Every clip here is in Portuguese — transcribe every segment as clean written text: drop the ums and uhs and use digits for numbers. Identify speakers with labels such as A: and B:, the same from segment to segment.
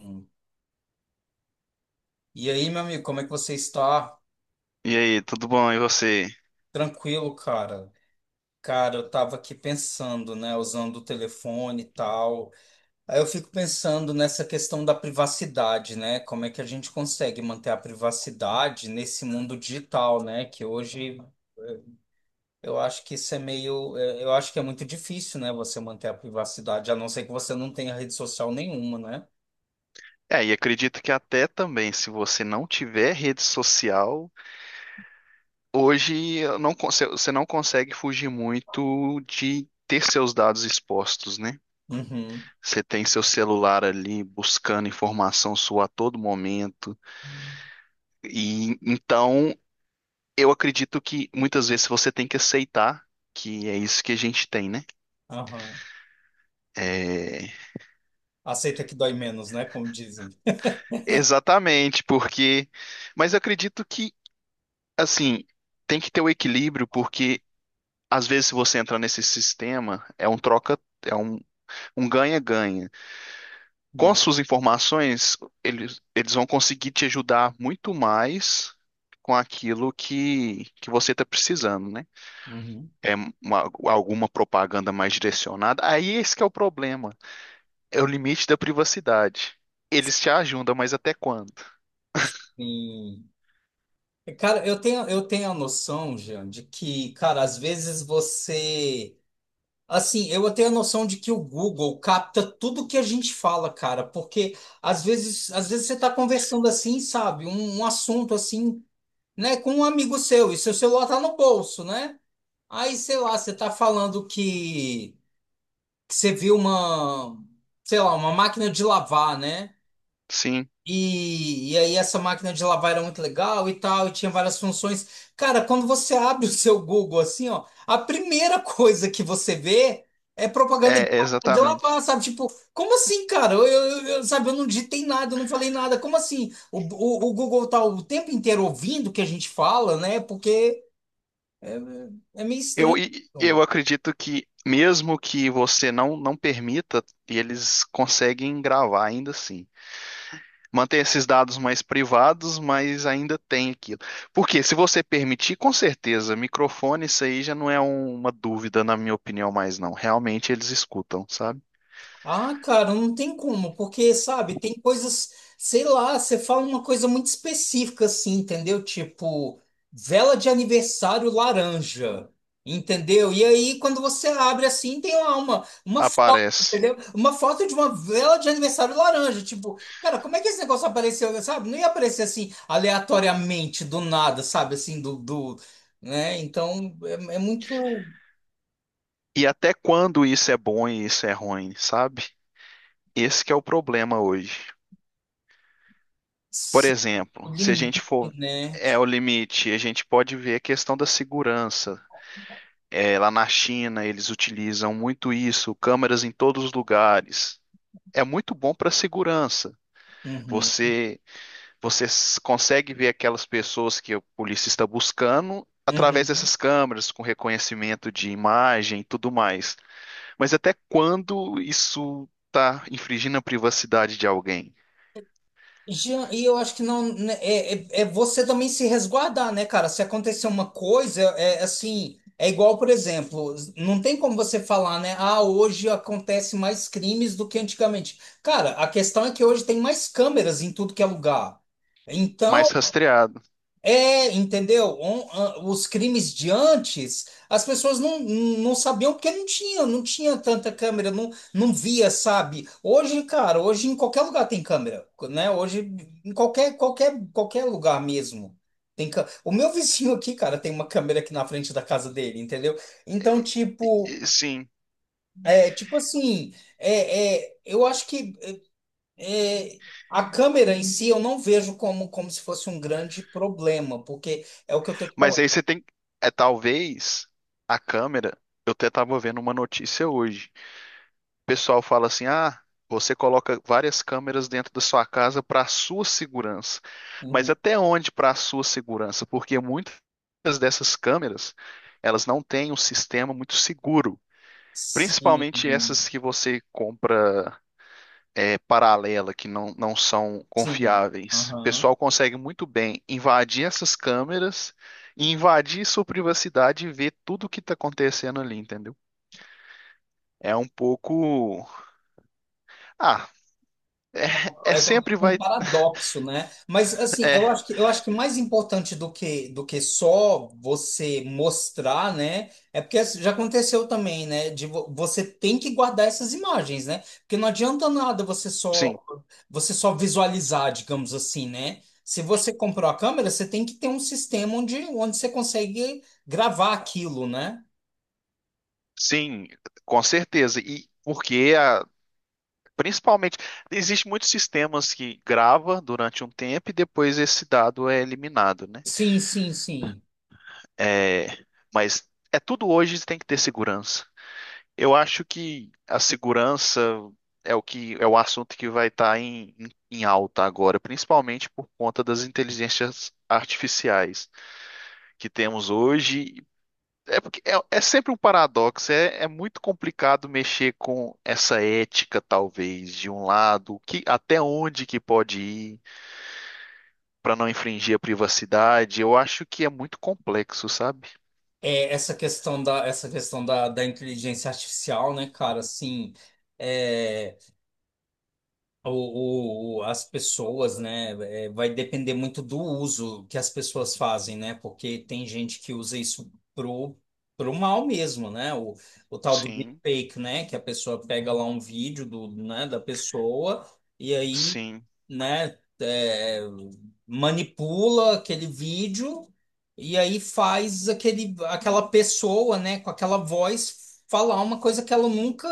A: Hum. E aí, meu amigo, como é que você está?
B: E aí, tudo bom? E você?
A: Tranquilo, cara? Cara, eu tava aqui pensando, né, usando o telefone e tal. Aí eu fico pensando nessa questão da privacidade, né? Como é que a gente consegue manter a privacidade nesse mundo digital, né? Que hoje eh, eu acho que isso é meio, é, eu acho que é muito difícil, né, você manter a privacidade, a não ser que você não tenha rede social nenhuma, né?
B: É, e acredito que até também, se você não tiver rede social, hoje eu não, con- você não consegue fugir muito de ter seus dados expostos, né?
A: Uhum.
B: Você tem seu celular ali buscando informação sua a todo momento. E então, eu acredito que muitas vezes você tem que aceitar que é isso que a gente tem, né?
A: Aham.
B: É,
A: Aceita que dói menos, né? Como dizem.
B: exatamente, porque. Mas eu acredito que, assim, tem que ter o equilíbrio, porque. Às vezes, se você entrar nesse sistema, é um troca, é um ganha-ganha. Com as suas informações, eles vão conseguir te ajudar muito mais com aquilo que você está precisando, né?
A: Uhum.
B: É alguma propaganda mais direcionada. Aí esse que é o problema. É o limite da privacidade. Eles te ajudam, mas até quando?
A: Sim. Cara, eu tenho a noção, Jean, de que, cara, às vezes você. Assim, eu tenho a noção de que o Google capta tudo que a gente fala, cara, porque às vezes você tá conversando assim, sabe, um assunto assim, né, com um amigo seu, e seu celular tá no bolso, né? Aí, sei lá, você tá falando que você viu uma, sei lá, uma máquina de lavar, né?
B: Sim,
A: E aí essa máquina de lavar era muito legal e tal, e tinha várias funções. Cara, quando você abre o seu Google assim, ó, a primeira coisa que você vê é propaganda de
B: é
A: máquina de
B: exatamente.
A: lavar, sabe? Tipo, como assim, cara? Sabe, eu não digitei nada, eu não falei nada. Como assim? O Google tá o tempo inteiro ouvindo o que a gente fala, né? Porque é, é meio
B: Eu,
A: estranho.
B: e-
A: Então.
B: eu acredito que, mesmo que você não permita, eles conseguem gravar ainda assim. Manter esses dados mais privados, mas ainda tem aquilo. Porque se você permitir, com certeza, microfone, isso aí já não é uma dúvida, na minha opinião, mais não. Realmente eles escutam, sabe?
A: Ah, cara, não tem como, porque, sabe, tem coisas, sei lá, você fala uma coisa muito específica assim, entendeu? Tipo, vela de aniversário laranja, entendeu? E aí, quando você abre assim, tem lá uma foto,
B: Aparece.
A: entendeu? Uma foto de uma vela de aniversário laranja. Tipo, cara, como é que esse negócio apareceu, sabe? Não ia aparecer assim, aleatoriamente, do nada, sabe? Assim, né? Então, é, é muito
B: E até quando isso é bom e isso é ruim, sabe? Esse que é o problema hoje. Por
A: sim, o
B: exemplo, se a gente
A: limite,
B: for.
A: né?
B: É o limite. A gente pode ver a questão da segurança. É, lá na China, eles utilizam muito isso, câmeras em todos os lugares. É muito bom para segurança.
A: Uhum,
B: Você, você consegue ver aquelas pessoas que a polícia está buscando através
A: uhum.
B: dessas câmeras, com reconhecimento de imagem e tudo mais. Mas até quando isso está infringindo a privacidade de alguém?
A: Jean, e eu acho que não né, é você também se resguardar, né, cara? Se acontecer uma coisa, é assim, é igual, por exemplo, não tem como você falar, né? Ah, hoje acontece mais crimes do que antigamente. Cara, a questão é que hoje tem mais câmeras em tudo que é lugar. Então,
B: Mais rastreado.
A: é, entendeu? On- a- Os crimes de antes, as pessoas não sabiam porque não tinha tanta câmera, não, não via, sabe? Hoje, cara, hoje em qualquer lugar tem câmera, né? Hoje em qualquer lugar mesmo. Tem cã- O meu vizinho aqui, cara, tem uma câmera aqui na frente da casa dele, entendeu? Então,
B: E-
A: tipo,
B: Sim.
A: é, tipo assim, é, é, eu acho que é, a câmera em si eu não vejo como, como se fosse um grande problema, porque é o que eu tô te
B: Mas aí
A: falando.
B: você tem. É talvez a câmera. Eu até estava vendo uma notícia hoje. Pessoal fala assim: ah, você coloca várias câmeras dentro da sua casa para a sua segurança. Mas
A: Uhum.
B: até onde para a sua segurança? Porque muitas dessas câmeras, elas não têm um sistema muito seguro. Principalmente
A: Sim,
B: essas que você compra paralela, que não são
A: sim.
B: confiáveis. O
A: Aham.
B: pessoal consegue muito bem invadir essas câmeras e invadir sua privacidade e ver tudo o que está acontecendo ali, entendeu? É um pouco. Ah, é
A: É como se
B: sempre
A: fosse um
B: vai.
A: paradoxo, né? Mas assim,
B: é
A: eu acho que mais importante do que só você mostrar, né? É porque assim, já aconteceu também, né? De vo- você tem que guardar essas imagens, né? Porque não adianta nada
B: Sim,
A: você só visualizar, digamos assim, né? Se você comprou a câmera, você tem que ter um sistema onde você consegue gravar aquilo, né?
B: sim, com certeza. E porque a, principalmente existe muitos sistemas que grava durante um tempo e depois esse dado é eliminado, né?
A: Sim.
B: É, mas é tudo hoje tem que ter segurança. Eu acho que a segurança é o que é o assunto que vai estar em alta agora, principalmente por conta das inteligências artificiais que temos hoje. É porque é sempre um paradoxo, é muito complicado mexer com essa ética, talvez, de um lado, que até onde que pode ir para não infringir a privacidade. Eu acho que é muito complexo, sabe?
A: É, da inteligência artificial, né, cara, assim, é. O- as pessoas, né, é, vai depender muito do uso que as pessoas fazem, né, porque tem gente que usa isso pro mal mesmo, né, o tal do
B: Sim,
A: deepfake, né, que a pessoa pega lá um vídeo do, né, da pessoa e aí,
B: sim.
A: né, é, manipula aquele vídeo e aí faz aquele, aquela pessoa, né, com aquela voz falar uma coisa que ela nunca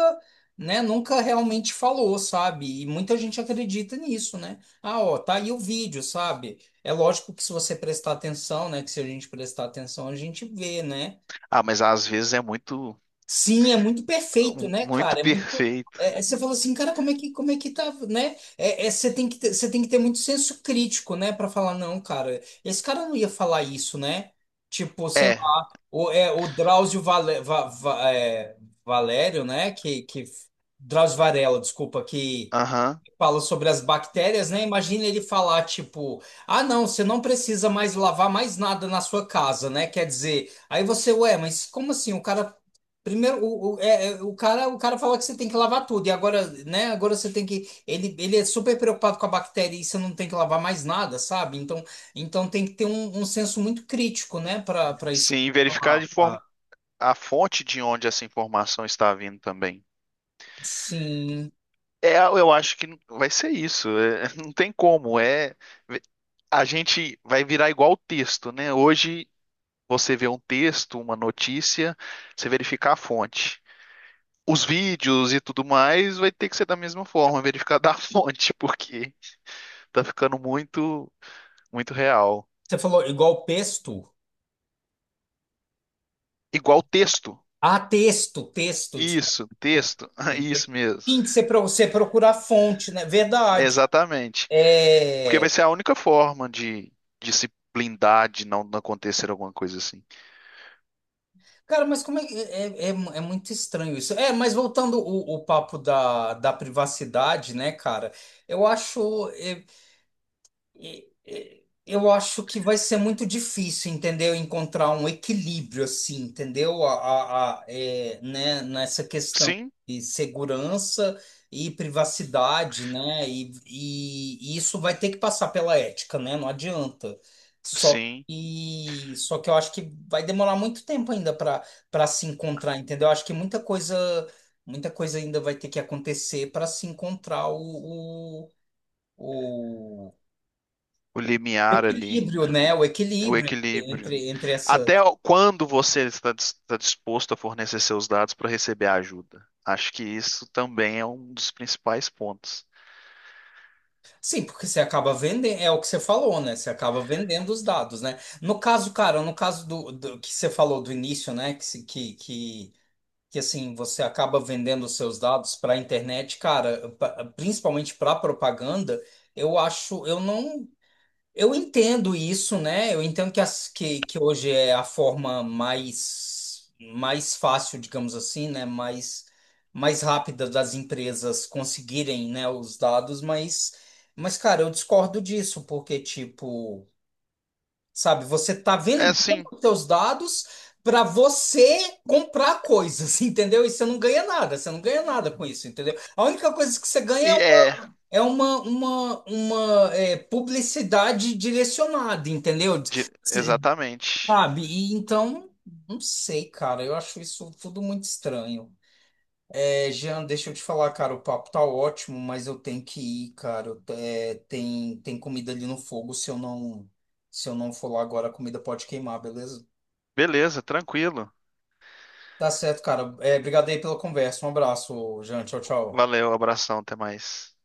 A: né, nunca realmente falou, sabe? E muita gente acredita nisso, né? Ah, ó, tá aí o vídeo, sabe? É lógico que se você prestar atenção, né, que se a gente prestar atenção, a gente vê, né?
B: Ah, mas às vezes é muito,
A: Sim, é muito perfeito,
B: um,
A: né,
B: muito
A: cara? É muito
B: perfeito.
A: é, é- você fala assim, cara, como é que tá, né? É, é, você tem que ter muito senso crítico, né, para falar não, cara. Esse cara não ia falar isso, né? Tipo, sei
B: É,
A: lá, o, é, o Drauzio Vale- Va- Va- é, Valério, né, que Drauzio Varela, desculpa, que
B: aham.
A: fala sobre as bactérias, né? Imagina ele falar tipo, ah, não, você não precisa mais lavar mais nada na sua casa, né? Quer dizer, aí você, ué, mas como assim? O cara primeiro, o, é, é, o cara fala que você tem que lavar tudo e agora, né? Agora você tem que, ele é super preocupado com a bactéria e você não tem que lavar mais nada, sabe? Então tem que ter um, um senso muito crítico, né? Para isso.
B: Sim, verificar
A: Ah,
B: de forma
A: ah,
B: a fonte de onde essa informação está vindo também.
A: Sim.
B: É, eu acho que vai ser isso. É, não tem como. É, a gente vai virar igual o texto, né? Hoje você vê um texto, uma notícia, você verificar a fonte. Os vídeos e tudo mais vai ter que ser da mesma forma, verificar da fonte, porque tá ficando muito, muito real.
A: Você falou igual pesto.
B: Igual texto.
A: Ah, texto, texto, desculpa.
B: Isso,
A: Desculpa.
B: texto. Isso mesmo.
A: Tem que ser para você procurar fonte, né?
B: É
A: Verdade.
B: exatamente. Porque vai
A: É...
B: ser a única forma de se blindar de não acontecer alguma coisa assim.
A: Cara, mas como é, que- é, é, é muito estranho isso. É, mas voltando o papo da, da privacidade, né, cara? Eu acho. É, Eu acho que vai ser muito difícil, entendeu? Encontrar um equilíbrio assim, entendeu? A, é, né? Nessa questão
B: Sim,
A: de segurança e privacidade, né? E isso vai ter que passar pela ética, né? Não adianta. Só
B: sim.
A: só que eu acho que vai demorar muito tempo ainda para se encontrar, entendeu? Eu acho que muita coisa ainda vai ter que acontecer para se encontrar o-
B: O
A: o
B: limiar ali,
A: equilíbrio, né? O
B: o
A: equilíbrio
B: equilíbrio.
A: entre, entre essa.
B: Até quando você está está disposto a fornecer seus dados para receber ajuda? Acho que isso também é um dos principais pontos.
A: Sim, porque você acaba vendendo, é o que você falou, né? Você acaba vendendo os dados, né? No caso, cara, no caso do, do que você falou do início, né? Que, se- que assim, você acaba vendendo os seus dados para a internet, cara, pa- principalmente para propaganda, eu acho, eu não. Eu entendo isso, né? Eu entendo que, as, que hoje é a forma mais, mais fácil, digamos assim, né? Mais, mais rápida das empresas conseguirem, né, os dados, mas, cara, eu discordo disso, porque, tipo, sabe, você tá
B: É
A: vendendo
B: sim,
A: os seus dados para você comprar coisas, entendeu? E você não ganha nada com isso, entendeu? A única coisa que você ganha
B: e é,
A: é uma é, publicidade direcionada, entendeu? S-
B: exatamente.
A: Sabe? E então, não sei, cara. Eu acho isso tudo muito estranho. É, Jean, deixa eu te falar, cara. O papo tá ótimo, mas eu tenho que ir, cara. Eu te- é, tem, tem comida ali no fogo. Se eu não for lá agora, a comida pode queimar, beleza?
B: Beleza, tranquilo.
A: Tá certo, cara. É, obrigado aí pela conversa. Um abraço, Jean. Tchau, tchau.
B: Valeu, abração, até mais.